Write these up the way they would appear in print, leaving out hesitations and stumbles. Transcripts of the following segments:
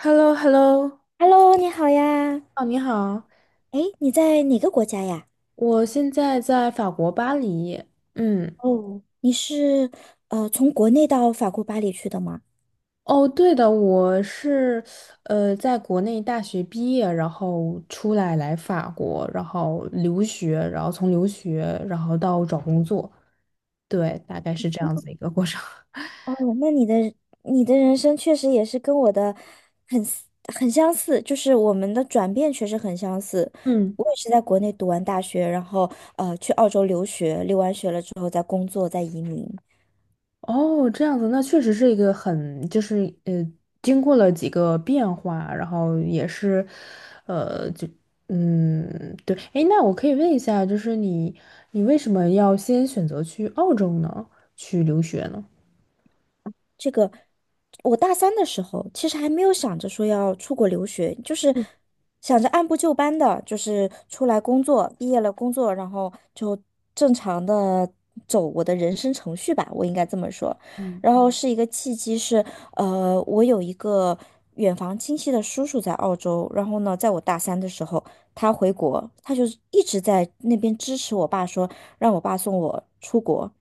h e l l o h e l l o Hello，你好呀。哦，你好，哎，你在哪个国家呀？我现在在法国巴黎。嗯。哦你是从国内到法国巴黎去的吗？哦，对的，我是在国内大学毕业，然后出来法国，然后留学，然后到找工作。对，大概是这样子一个过程。哦，那你的你的人生确实也是跟我的很 很相似，就是我们的转变确实很相似。嗯。我也是在国内读完大学，然后去澳洲留学，留完学了之后再工作，再移民。哦，这样子，那确实是一个很，就是呃，经过了几个变化，然后也是，呃，就对。诶，那我可以问一下，就是你为什么要先选择去澳洲呢？去留学呢？这个我大三的时候，其实还没有想着说要出国留学，就是想着按部就班的，就是出来工作，毕业了工作，然后就正常的走我的人生程序吧，我应该这么说。嗯。然后嗯是一个契机是，我有一个远房亲戚的叔叔在澳洲，然后呢，在我大三的时候，他回国，他就是一直在那边支持我爸说，让我爸送我出国，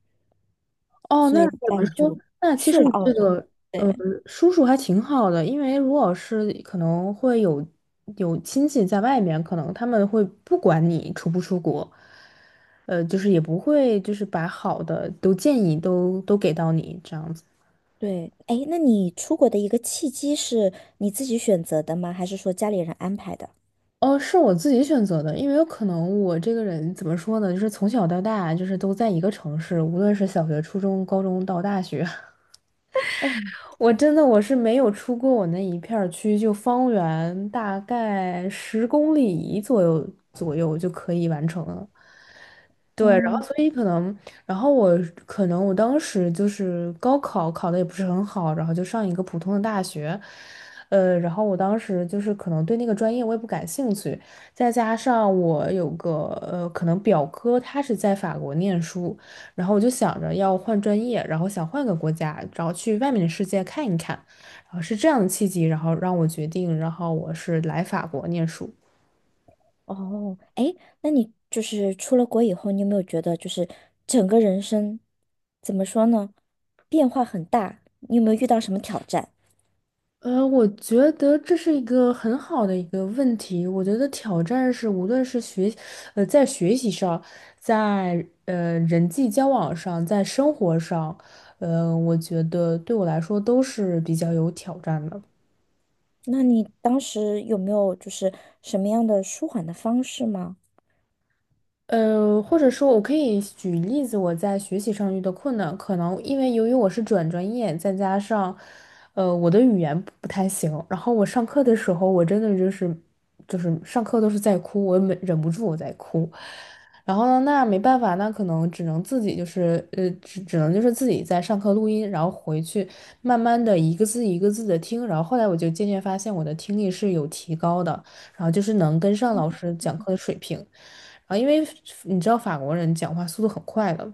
哦，所那以后怎来么我说？就那其去实了你澳这洲。个呃，对。叔叔还挺好的，因为如果是可能会有亲戚在外面，可能他们会不管你出不出国。就是也不会就是把好的都建议都给到你这样子。对，哎，那你出国的一个契机是你自己选择的吗？还是说家里人安排的？哦，是我自己选择的，因为有可能我这个人怎么说呢，就是从小到大就是都在一个城市，无论是小学、初中、高中到大学。哦，我真的我是没有出过我那一片儿区，就方圆大概十公里左右就可以完成了。对，然嗯，后所以可能，然后我可能我当时就是高考考的也不是很好，然后就上一个普通的大学。然后我当时就是可能对那个专业我也不感兴趣，再加上我有个可能表哥他是在法国念书，然后我就想着要换专业，然后想换个国家，然后去外面的世界看一看，然后是这样的契机，然后让我决定，然后我是来法国念书。哦，哎，那你就是出了国以后，你有没有觉得就是整个人生怎么说呢，变化很大？你有没有遇到什么挑战？我觉得这是一个很好的一个问题。我觉得挑战是，无论是学，在学习上，在人际交往上，在生活上，我觉得对我来说都是比较有挑战的。那你当时有没有就是什么样的舒缓的方式吗？或者说，我可以举例子，我在学习上遇到困难，可能因为由于我是转专业，再加上，我的语言不太行，然后我上课的时候，我真的就是，就是上课都是在哭，我忍不住我在哭，然后呢，那没办法，那可能只能自己就是，只能就是自己在上课录音，然后回去慢慢的一个字一个字的听，然后后来我就渐渐发现我的听力是有提高的，然后就是能跟上老师讲课的水平。啊，因为你知道法国人讲话速度很快的，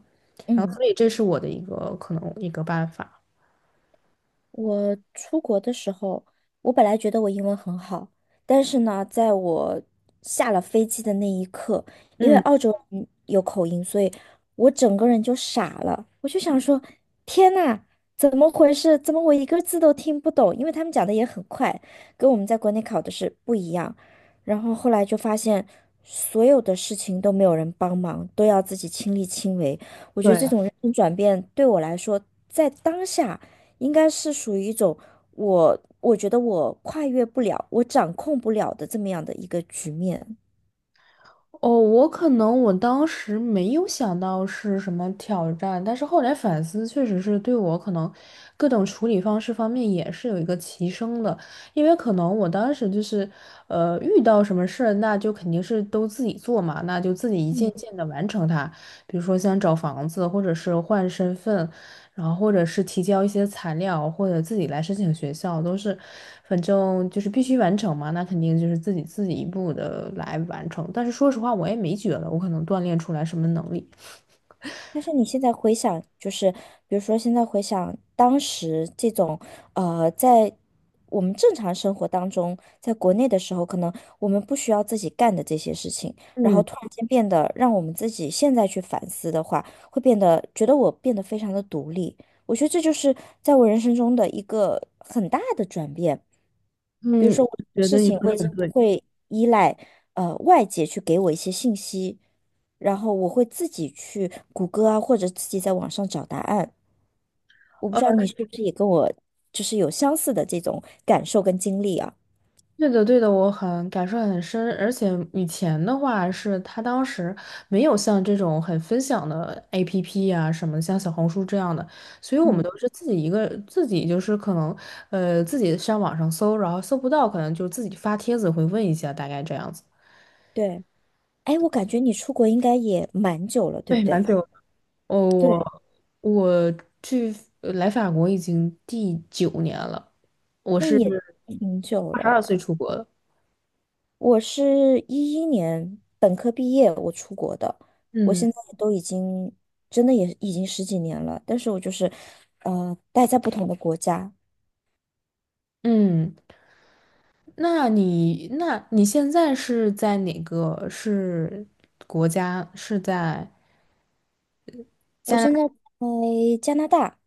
然后嗯。所以这是我的一个可能一个办法。我出国的时候，我本来觉得我英文很好，但是呢，在我下了飞机的那一刻，因为嗯。澳洲人有口音，所以我整个人就傻了。我就想说，天呐，怎么回事？怎么我一个字都听不懂？因为他们讲的也很快，跟我们在国内考的是不一样。然后后来就发现，所有的事情都没有人帮忙，都要自己亲力亲为。我觉得这对。种人生转变对我来说，在当下。应该是属于一种我觉得我跨越不了，我掌控不了的这么样的一个局面。哦，我可能我当时没有想到是什么挑战，但是后来反思，确实是对我可能各种处理方式方面也是有一个提升的，因为可能我当时就是，遇到什么事儿，那就肯定是都自己做嘛，那就自己一件嗯。件的完成它，比如说像找房子，或者是换身份，然后或者是提交一些材料，或者自己来申请学校，都是，反正就是必须完成嘛。那肯定就是自己一步的来完成。但是说实话，我也没觉得我可能锻炼出来什么能力。但是你现在回想，就是比如说现在回想当时这种，在我们正常生活当中，在国内的时候，可能我们不需要自己干的这些事情，然后嗯突然间变得让我们自己现在去反思的话，会变得觉得我变得非常的独立。我觉得这就是在我人生中的一个很大的转变。比如嗯，说我我觉得事你情，说我的已很经不对。会依赖外界去给我一些信息。然后我会自己去谷歌啊，或者自己在网上找答案。我不知道你是不是也跟我就是有相似的这种感受跟经历啊？对的，对的，我很感受很深，而且以前的话是他当时没有像这种很分享的 APP 啊什么，像小红书这样的，所以我们嗯，都是自己一个自己就是可能自己上网上搜，然后搜不到，可能就自己发帖子会问一下，大概这样子。对。哎，我感觉你出国应该也蛮久了，对对，不对？蛮久。哦，对，我去来法国已经第九年了，我那是也挺久二十二了。岁出国的。我是一一年本科毕业，我出国的。我嗯现在都已经真的也已经十几年了，但是我就是待在不同的国家。嗯。那你现在是在哪个是国家？是在？我现在在加拿大，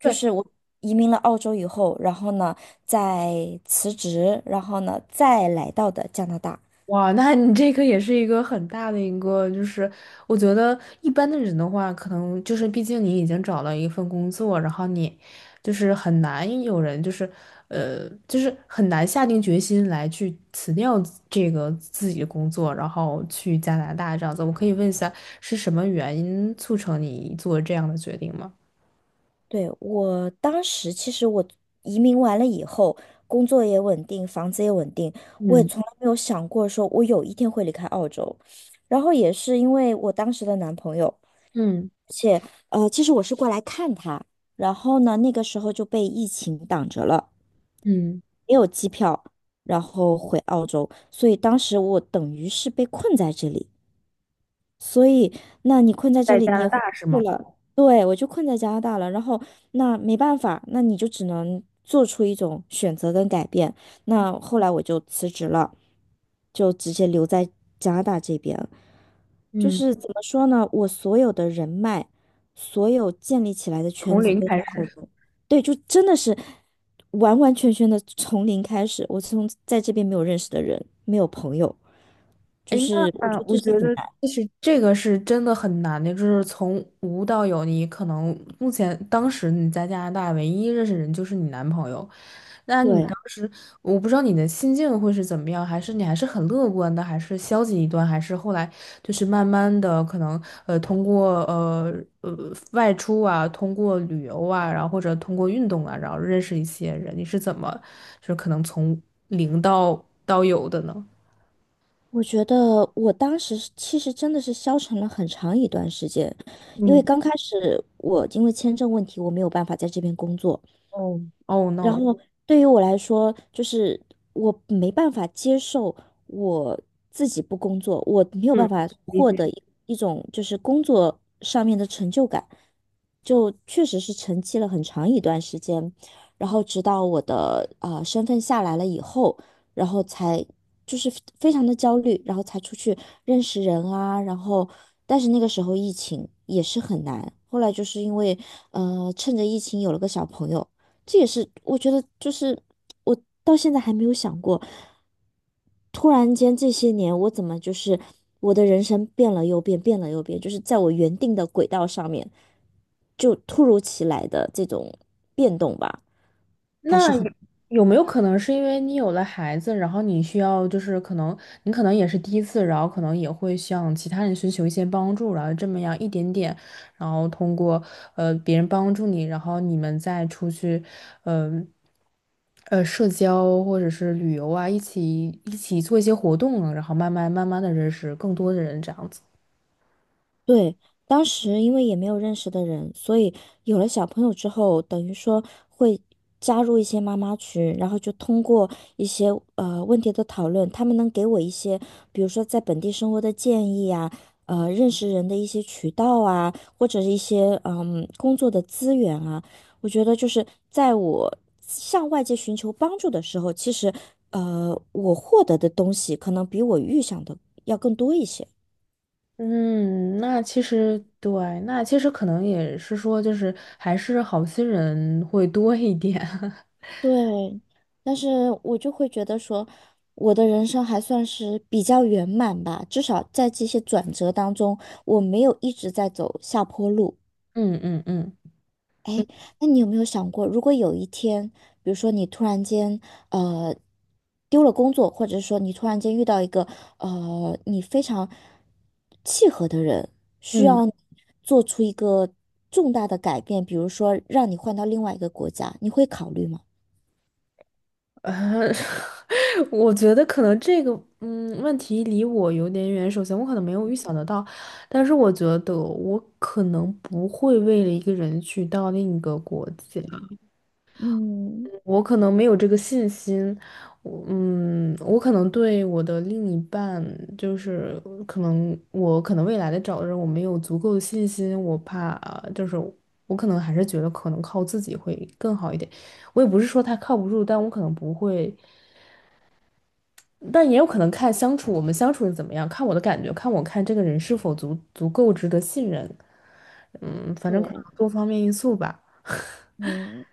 就对。是我移民了澳洲以后，然后呢，再辞职，然后呢，再来到的加拿大。哇？那你这个也是一个很大的一个，就是我觉得一般的人的话，可能就是毕竟你已经找了一份工作，然后你就是很难有人就是就是很难下定决心来去辞掉这个自己的工作，然后去加拿大这样子。我可以问一下，是什么原因促成你做这样的决定吗？对，我当时其实我移民完了以后，工作也稳定，房子也稳定，我也嗯从来没有想过说我有一天会离开澳洲。然后也是因为我当时的男朋友，嗯。而且其实我是过来看他，然后呢，那个时候就被疫情挡着了。嗯，没有机票，然后回澳洲，所以当时我等于是被困在这里。所以，那你困在这在里，加你拿也回大是不去吗？了。对，我就困在加拿大了。然后，那没办法，那你就只能做出一种选择跟改变。那后来我就辞职了，就直接留在加拿大这边。就嗯，是怎么说呢，我所有的人脉，所有建立起来的圈从子零都在开澳始。洲对，就真的是完完全全的从零开始。我从在这边没有认识的人，没有朋友，就哎，是我那觉得这我是觉很得，难。就是这个是真的很难的，就是从无到有，你可能目前当时你在加拿大唯一认识人就是你男朋友，那你当对。时，我不知道你的心境会是怎么样，还是你还是很乐观的，还是消极一段，还是后来就是慢慢的可能通过外出啊，通过旅游啊，然后或者通过运动啊，然后认识一些人，你是怎么就是可能从零到有的呢。我觉得我当时是其实真的是消沉了很长一段时间，因嗯。为刚开始我因为签证问题，我没有办法在这边工作，哦。哦 然 no！后对于我来说，就是我没办法接受我自己不工作，我没有办法获得一种就是工作上面的成就感，就确实是沉寂了很长一段时间，然后直到我的身份下来了以后，然后才就是非常的焦虑，然后才出去认识人啊，然后但是那个时候疫情也是很难，后来就是因为趁着疫情有了个小朋友。这也是我觉得，就是我到现在还没有想过，突然间这些年我怎么就是我的人生变了又变，变了又变，就是在我原定的轨道上面，就突如其来的这种变动吧，还是那很。有没有可能是因为你有了孩子，然后你需要就是可能你可能也是第一次，然后可能也会向其他人寻求一些帮助，然后这么样一点点，然后通过别人帮助你，然后你们再出去。嗯。社交或者是旅游啊，一起做一些活动啊然后慢慢的认识更多的人，这样子。对，当时因为也没有认识的人，所以有了小朋友之后，等于说会加入一些妈妈群，然后就通过一些问题的讨论，他们能给我一些，比如说在本地生活的建议啊，认识人的一些渠道啊，或者是一些嗯工作的资源啊。我觉得就是在我向外界寻求帮助的时候，其实我获得的东西可能比我预想的要更多一些。嗯，那其实对，那其实可能也是说，就是还是好心人会多一点。对，但是我就会觉得说，我的人生还算是比较圆满吧，至少在这些转折当中，我没有一直在走下坡路。嗯嗯嗯。哎，那你有没有想过，如果有一天，比如说你突然间呃丢了工作，或者说你突然间遇到一个你非常契合的人，需嗯，要你做出一个重大的改变，比如说让你换到另外一个国家，你会考虑吗？呃，我觉得可能这个问题离我有点远。首先，我可能没有预想得到，但是我觉得我可能不会为了一个人去到另一个国家。嗯，我可能没有这个信心。我可能对我的另一半，就是可能我可能未来的找的人，我没有足够的信心，我怕就是我可能还是觉得可能靠自己会更好一点。我也不是说他靠不住，但我可能不会，但也有可能看相处我们相处的怎么样，看我的感觉，看我看这个人是否足够值得信任。嗯，反正可对。能多方面因素吧。嗯，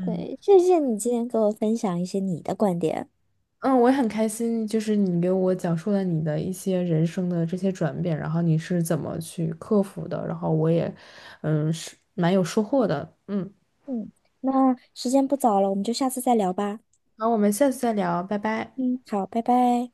对，谢谢你今天给我分享一些你的观点。嗯，我也很开心，就是你给我讲述了你的一些人生的这些转变，然后你是怎么去克服的，然后我也，嗯，是蛮有收获的。嗯，嗯，那时间不早了，我们就下次再聊吧。好，我们下次再聊，拜拜。嗯，好，拜拜。